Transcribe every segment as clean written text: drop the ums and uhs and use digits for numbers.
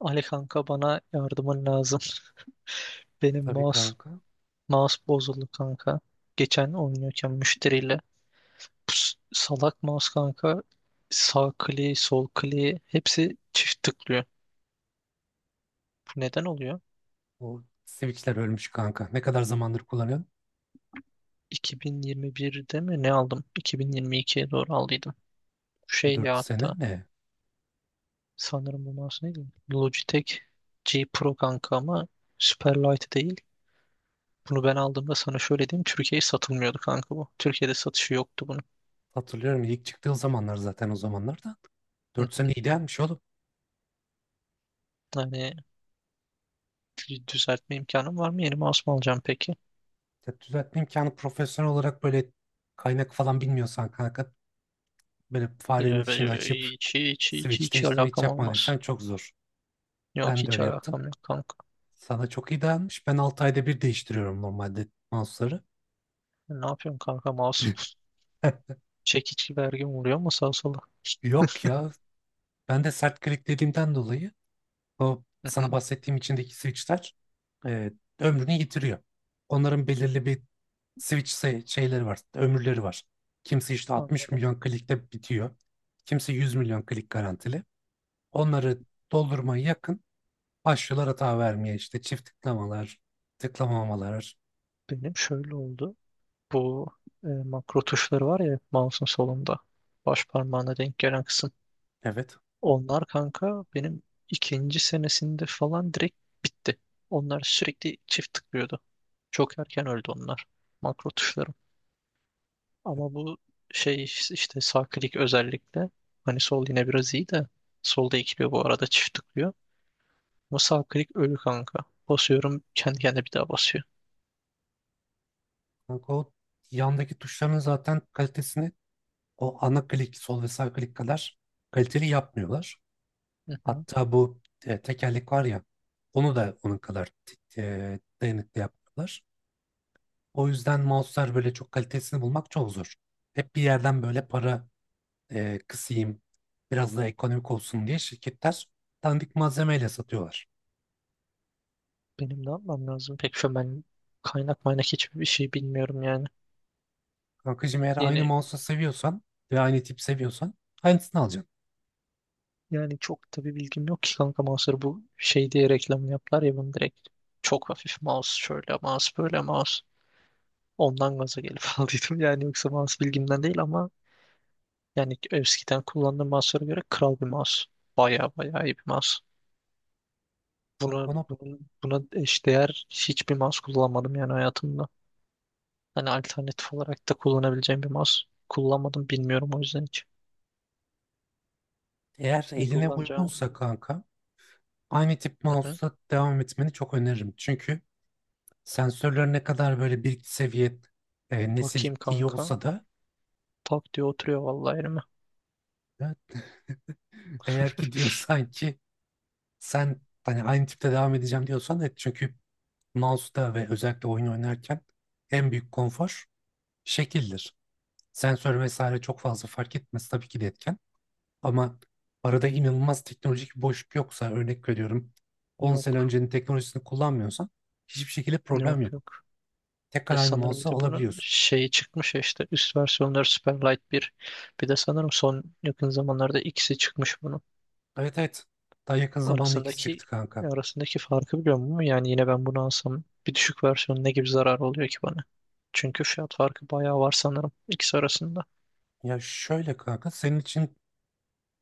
Ali kanka bana yardımın lazım. Benim Tabii mouse kanka. mouse bozuldu kanka. Geçen oynuyorken müşteriyle Pus, salak mouse kanka sağ kliği sol kliği hepsi çift tıklıyor. Bu neden oluyor? O Switch'ler ölmüş kanka. Ne kadar zamandır kullanıyorum? 2021'de mi ne aldım? 2022'ye doğru aldıydım. Şey Dört ya sene hatta mi? sanırım bu mouse neydi? Logitech G Pro kanka ama Superlight değil. Bunu ben aldığımda sana şöyle diyeyim. Türkiye'ye satılmıyordu kanka bu. Türkiye'de satışı yoktu bunun. Hatırlıyorum, ilk çıktığı zamanlar zaten, o zamanlar da. Hı Dört sene hı. idealmiş oğlum. Yani düzeltme imkanım var mı? Yeni mouse mu alacağım peki? Ya düzeltme imkanı profesyonel olarak, böyle kaynak falan bilmiyorsan kanka, böyle farenin Ya, içini ben- açıp hiç, hiç, hiç, switch hiç değiştirme hiç alakam olmaz. yapmadıysan çok zor. Yok Ben de hiç öyle yaptım. alakam yok kanka. Sana çok iyi dayanmış. Ben 6 ayda bir değiştiriyorum normalde mouse'ları. Ne yapıyorsun kanka? Mouse çekiç gibi her gün vuruyor mu sağa sola? Yok ya. Ben de sert kliklediğimden dolayı o Hı sana hı. bahsettiğim içindeki switchler e, ömrünü yitiriyor. Onların belirli bir şeyleri var, ömürleri var. Kimisi işte 60 Anladım. milyon klikte bitiyor. Kimisi 100 milyon klik garantili. Onları doldurmaya yakın başlıyorlar hata vermeye, işte çift tıklamalar, tıklamamalar. Benim şöyle oldu. Bu makro tuşları var ya mouse'un solunda. Baş parmağına denk gelen kısım. Evet. Onlar kanka benim ikinci senesinde falan direkt bitti. Onlar sürekli çift tıklıyordu. Çok erken öldü onlar. Makro tuşları. Ama bu şey işte sağ klik özellikle hani sol yine biraz iyi de solda ikiliyor bu arada çift tıklıyor. Ama sağ klik ölü kanka. Basıyorum kendi kendine bir daha basıyor. Kanka, o yandaki tuşların zaten kalitesini o ana klik, sol ve sağ klik kadar kaliteli yapmıyorlar. Hı hı. Hatta bu tekerlek var ya, onu da onun kadar dayanıklı yaptılar. O yüzden mouse'lar, böyle çok kalitesini bulmak çok zor. Hep bir yerden böyle para kısayım, biraz da ekonomik olsun diye, şirketler dandik malzemeyle satıyorlar. Benim ne yapmam lazım? Pek şu an ben kaynak maynak hiçbir şey bilmiyorum yani. Kankacığım, eğer aynı Yeni mouse'u seviyorsan ve aynı tip seviyorsan aynısını alacaksın. yani çok tabii bilgim yok ki kanka mouse'ları bu şey diye reklamını yaptılar ya bunu direkt. Çok hafif mouse şöyle mouse böyle mouse. Ondan gaza gelip aldıydım yani yoksa mouse bilgimden değil ama yani eskiden kullandığım mouse'lara göre kral bir mouse. Baya baya iyi bir mouse. Kanka Bunu, onu, bunun, buna eşdeğer hiçbir mouse kullanmadım yani hayatımda. Hani alternatif olarak da kullanabileceğim bir mouse kullanmadım. Bilmiyorum o yüzden hiç eğer ne eline kullanacağımı. uygunsa kanka, aynı tip Hı hı. mouse'la devam etmeni çok öneririm. Çünkü sensörler ne kadar böyle bir seviye, nesil Bakayım iyi kanka. olsa da, Tak diye oturuyor vallahi elime. e, eğer ki diyorsan ki sen hani aynı tipte devam edeceğim, diyorsan et. Çünkü mouse'da ve özellikle oyun oynarken en büyük konfor şekildir. Sensör vesaire çok fazla fark etmez, tabii ki de etken. Ama arada inanılmaz teknolojik bir boşluk yoksa, örnek veriyorum, 10 sene Yok. öncenin teknolojisini kullanmıyorsan hiçbir şekilde problem Yok yok. yok. Tekrar Ya aynı sanırım bir mouse'u de bunun alabiliyorsun. şeyi çıkmış ya işte üst versiyonları Superlight 1. Bir de sanırım son yakın zamanlarda ikisi çıkmış bunun. Evet, evet. Daha yakın zamanda ikisi arasındaki çıktı kanka. arasındaki farkı biliyor musun? Yani yine ben bunu alsam bir düşük versiyonu ne gibi zarar oluyor ki bana? Çünkü fiyat farkı bayağı var sanırım ikisi arasında. Ya şöyle kanka, senin için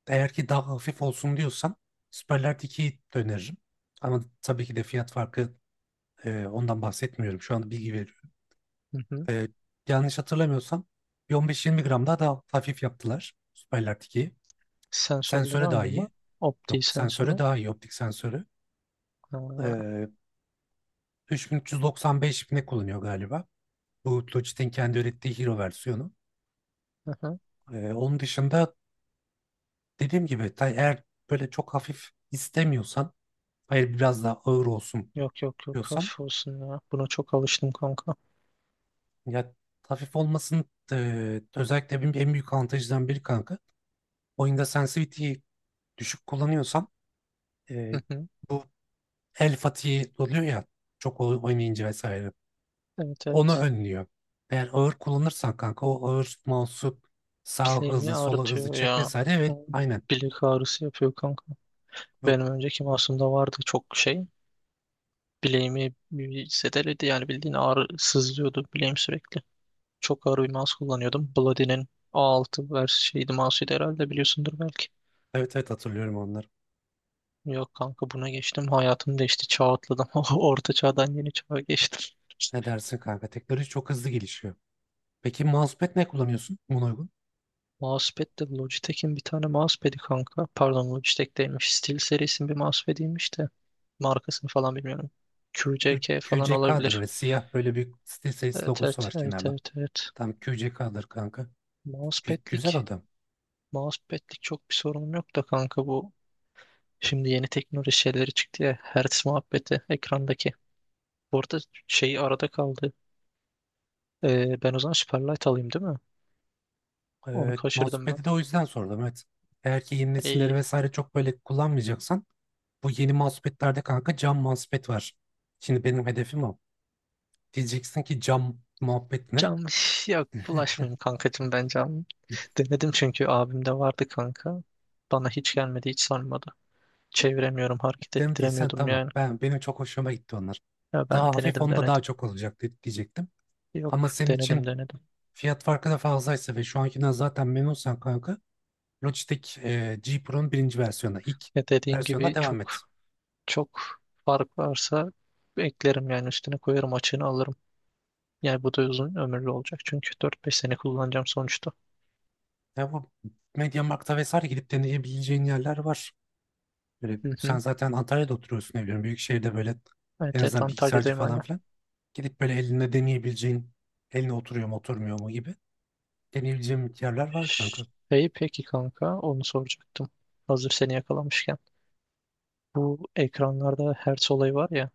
eğer ki daha hafif olsun diyorsan Superlight 2'yi öneririm. Ama tabii ki de fiyat farkı, ondan bahsetmiyorum. Şu anda bilgi veriyorum. Hı hı. E, Yanlış hatırlamıyorsam bir 15-20 gram daha da hafif yaptılar Superlight 2'yi. Sensörleri Sensöre daha aynı mı? iyi. Opti Yok, sensöre sensörü. daha iyi, optik sensörü. Ha, E, 3395 ne kullanıyor galiba. Bu Logitech'in kendi ürettiği Hero versiyonu. hı hı. Onun dışında dediğim gibi, eğer böyle çok hafif istemiyorsan, hayır biraz daha ağır olsun Yok yok yok, diyorsan, olsun ya. Buna çok alıştım kanka. ya hafif olmasın, özellikle benim en büyük avantajından biri kanka. Oyunda sensitivity'yi düşük kullanıyorsan, e, Hı hı. bu el fatihi oluyor ya, oynayınca vesaire. Evet Onu evet. önlüyor. Eğer ağır kullanırsan kanka, o ağır mouse'u sağa Bileğimi hızlı sola hızlı ağrıtıyor çek ya. vesaire, evet Hı. aynen. Bilek ağrısı yapıyor kanka. Bu, Benim önceki masumda vardı çok şey. Bileğimi bir zedeledi yani bildiğin ağrı sızlıyordu bileğim sürekli. Çok ağır bir mouse kullanıyordum. Bloody'nin A6 şeydi mouse'uydu herhalde biliyorsundur belki. evet, evet, hatırlıyorum onları. Yok kanka buna geçtim. Hayatım değişti. Çağ atladım. Orta çağdan yeni çağa geçtim. Ne dersin kanka? Teknoloji çok hızlı gelişiyor. Peki mousepad ne kullanıyorsun buna uygun? Mousepad de Logitech'in bir tane mousepad'i kanka. Pardon Logitech'teymiş. Steel serisinin bir mousepad'iymiş de. Markasını falan bilmiyorum. QCK falan QCK'dır, olabilir. öyle siyah, böyle bir SteelSeries Evet, logosu evet, var evet, kenarda. evet, evet. Tam QCK'dır kanka. Güzel Mousepad'lik. adam. Mousepad'lik çok bir sorunum yok da kanka bu. Şimdi yeni teknoloji şeyleri çıktı ya. Hertz muhabbeti ekrandaki. Bu arada şey arada kaldı. Ben o zaman Superlight alayım değil mi? Onu Evet, kaçırdım ben. mousepad'i de o yüzden sordum, evet. Eğer ki yeni nesilleri Ee, vesaire çok böyle kullanmayacaksan, bu yeni mousepad'lerde kanka cam mousepad var. Şimdi benim hedefim o. Diyeceksin ki, cam muhabbet ne? Canlı yok bulaşmayayım kankacığım ben canlı. Denedim çünkü abimde vardı kanka. Bana hiç gelmedi hiç sarmadı. Çeviremiyorum hareket Demediysen ettiremiyordum tamam. yani. Benim çok hoşuma gitti onlar. Ya ben Daha hafif denedim onda daha denedim. çok olacak diyecektim. Ama Yok, senin denedim için denedim. fiyat farkı da fazlaysa ve şu ankinden zaten memnunsan kanka, Logitech G Pro'nun birinci versiyonuna, ilk Ya dediğin versiyonuna gibi çok devam et. çok fark varsa eklerim yani üstüne koyarım açığını alırım. Yani bu da uzun ömürlü olacak çünkü 4-5 sene kullanacağım sonuçta. Ya bu MediaMarkt'ta vesaire gidip deneyebileceğin yerler var. Böyle, Hı sen hı. zaten Antalya'da oturuyorsun, ne biliyorum, büyük şehirde böyle en Evet, evet azından bilgisayarcı Antalya'dayım. falan filan. Gidip böyle elinde deneyebileceğin, eline oturuyor mu oturmuyor mu gibi deneyebileceğin yerler var kanka. Şey peki kanka onu soracaktım. Hazır seni yakalamışken. Bu ekranlarda Hertz olayı var ya.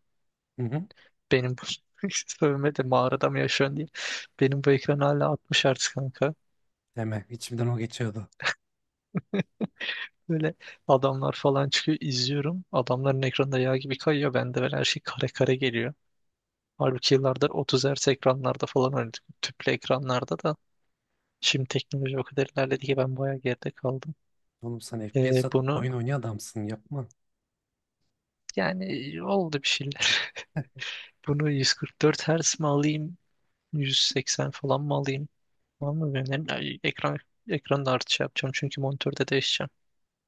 Hı hı. Benim bu sövme de mağarada mı yaşıyorsun diye. Benim bu ekran hala 60 hertz kanka. Deme. İçimden o geçiyordu. Böyle adamlar falan çıkıyor izliyorum. Adamların ekranında yağ gibi kayıyor. Bende böyle her şey kare kare geliyor. Halbuki yıllardır 30 hertz ekranlarda falan oynadık. Tüplü ekranlarda da. Şimdi teknoloji o kadar ilerledi ki ben bayağı geride kaldım. Oğlum sen FPS Bunu oyun oynayan adamsın, yapma. yani oldu bir şeyler. Bunu 144 Hz mi alayım? 180 falan mı alayım? Var mı bir önerin? Ay, ekranı da artış yapacağım çünkü monitörde değişeceğim.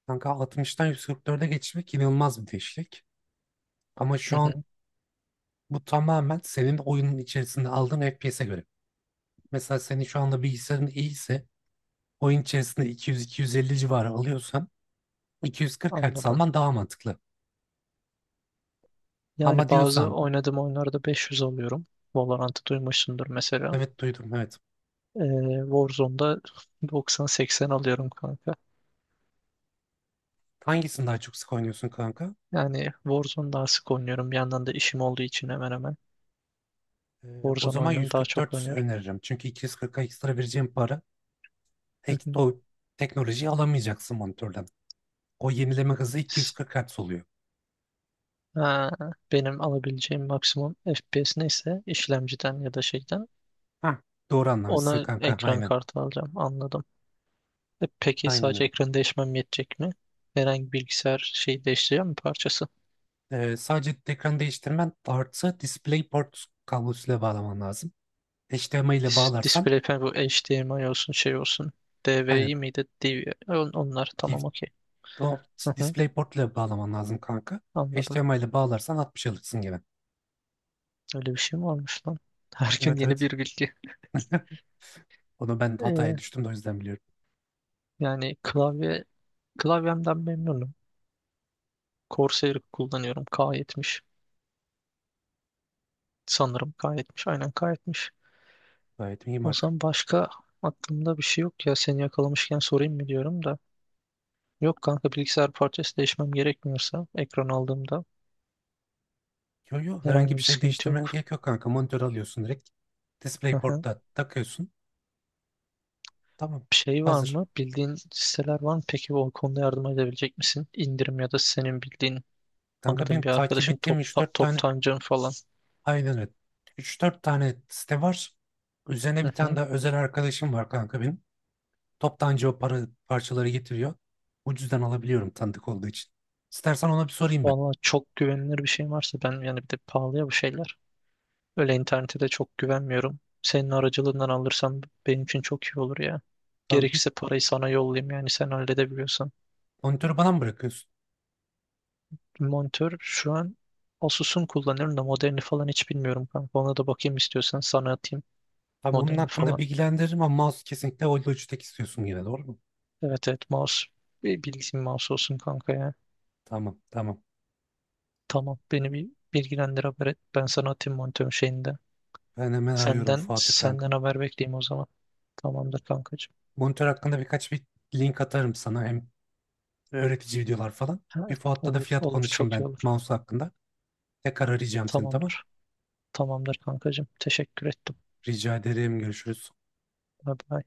Kanka 60'tan 144'e geçmek inanılmaz bir değişiklik. Ama Hı şu an, hı, bu tamamen senin oyunun içerisinde aldığın FPS'e göre. Mesela senin şu anda bilgisayarın iyiyse, oyun içerisinde 200-250 civarı alıyorsan 240 Hz anladım. alman daha mantıklı. Yani Ama bazı diyorsan... oynadığım oyunlarda 500 alıyorum. Valorant'ı duymuşsundur mesela. Evet, duydum, evet. Ee, Warzone'da 90-80 alıyorum kanka. Hangisini daha çok sık oynuyorsun kanka? Yani Warzone daha sık oynuyorum. Bir yandan da işim olduğu için hemen hemen. Ee, O Warzone zaman oyununu daha çok 144 oynuyorum. öneririm. Çünkü 240'a ekstra vereceğim para Hı hı. o teknolojiyi alamayacaksın monitörden. O yenileme hızı 240 Hz oluyor. Ha, benim alabileceğim maksimum FPS neyse işlemciden ya da şeyden Ha, doğru anlamışsın ona kanka, ekran aynen. kartı alacağım. Anladım. Peki Aynen sadece öyle. ekranı değişmem yetecek mi? Herhangi bir bilgisayar şeyi değiştireceğim mi parçası? Sadece ekranı değiştirmen artı DisplayPort kablosuyla bağlaman lazım. HDMI ile Dis bağlarsan, display panel bu HDMI olsun şey olsun. DVI aynen, miydi? DVI. Onlar di- tamam, okey. o Hı hı. DisplayPort ile bağlaman lazım kanka. Anladım. HDMI ile bağlarsan 60 alırsın gibi. Öyle bir şey mi varmış lan? Her gün Evet, yeni evet. bir bilgi. Onu ben hataya Ee, düştüm de, o yüzden biliyorum. Yani klavyemden memnunum. Corsair kullanıyorum. K70 sanırım K70. Aynen K70. Gayet iyi O marka. zaman başka aklımda bir şey yok ya. Seni yakalamışken sorayım mı diyorum da. Yok kanka bilgisayar parçası değişmem gerekmiyorsa ekran aldığımda Yo, yo, herhangi herhangi bir bir şey sıkıntı değiştirmen yok. gerek yok kanka. Monitör alıyorsun direkt. Aha. DisplayPort'ta takıyorsun. Tamam. Şey var Hazır. mı? Bildiğin siteler var mı? Peki o konuda yardım edebilecek misin? İndirim ya da senin bildiğin Kanka benim anladığın bir takip arkadaşın ettiğim top, üç top, dört tane... toptancın falan. Aynen öyle. Üç dört tane site var. Üzerine Hı bir tane hı. daha özel arkadaşım var kanka benim. Toptancı o parçaları getiriyor. Ucuzdan alabiliyorum tanıdık olduğu için. İstersen ona bir sorayım ben. Valla çok güvenilir bir şey varsa ben yani bir de pahalıya bu şeyler. Öyle internete de çok güvenmiyorum. Senin aracılığından alırsam benim için çok iyi olur ya. Tamam, bir Gerekirse parayı sana yollayayım yani sen halledebiliyorsan. monitörü bana mı bırakıyorsun? Monitör şu an Asus'un kullanıyorum da modelini falan hiç bilmiyorum kanka. Ona da bakayım istiyorsan sana atayım Tamam, onun modelini hakkında falan. bilgilendiririm ama mouse kesinlikle Volvo 3'tek istiyorsun yine, doğru mu? Evet, evet, mouse. Bir bildiğim mouse olsun kanka ya. Tamam, tamam. Tamam beni bir bilgilendir, haber et. Ben sana atayım monitörün şeyinde. Ben hemen arıyorum Senden Fuat'ı senden kanka. haber bekleyeyim o zaman. Tamamdır kankacığım. Monitör hakkında birkaç bir link atarım sana. Hem öğretici videolar falan. Bir Evet, Fuat'ta da olur fiyat olur konuşayım çok iyi ben olur. mouse hakkında. Tekrar arayacağım seni, tamam. Tamamdır. Tamamdır kankacığım. Teşekkür ettim. Rica ederim. Görüşürüz. Bye bye.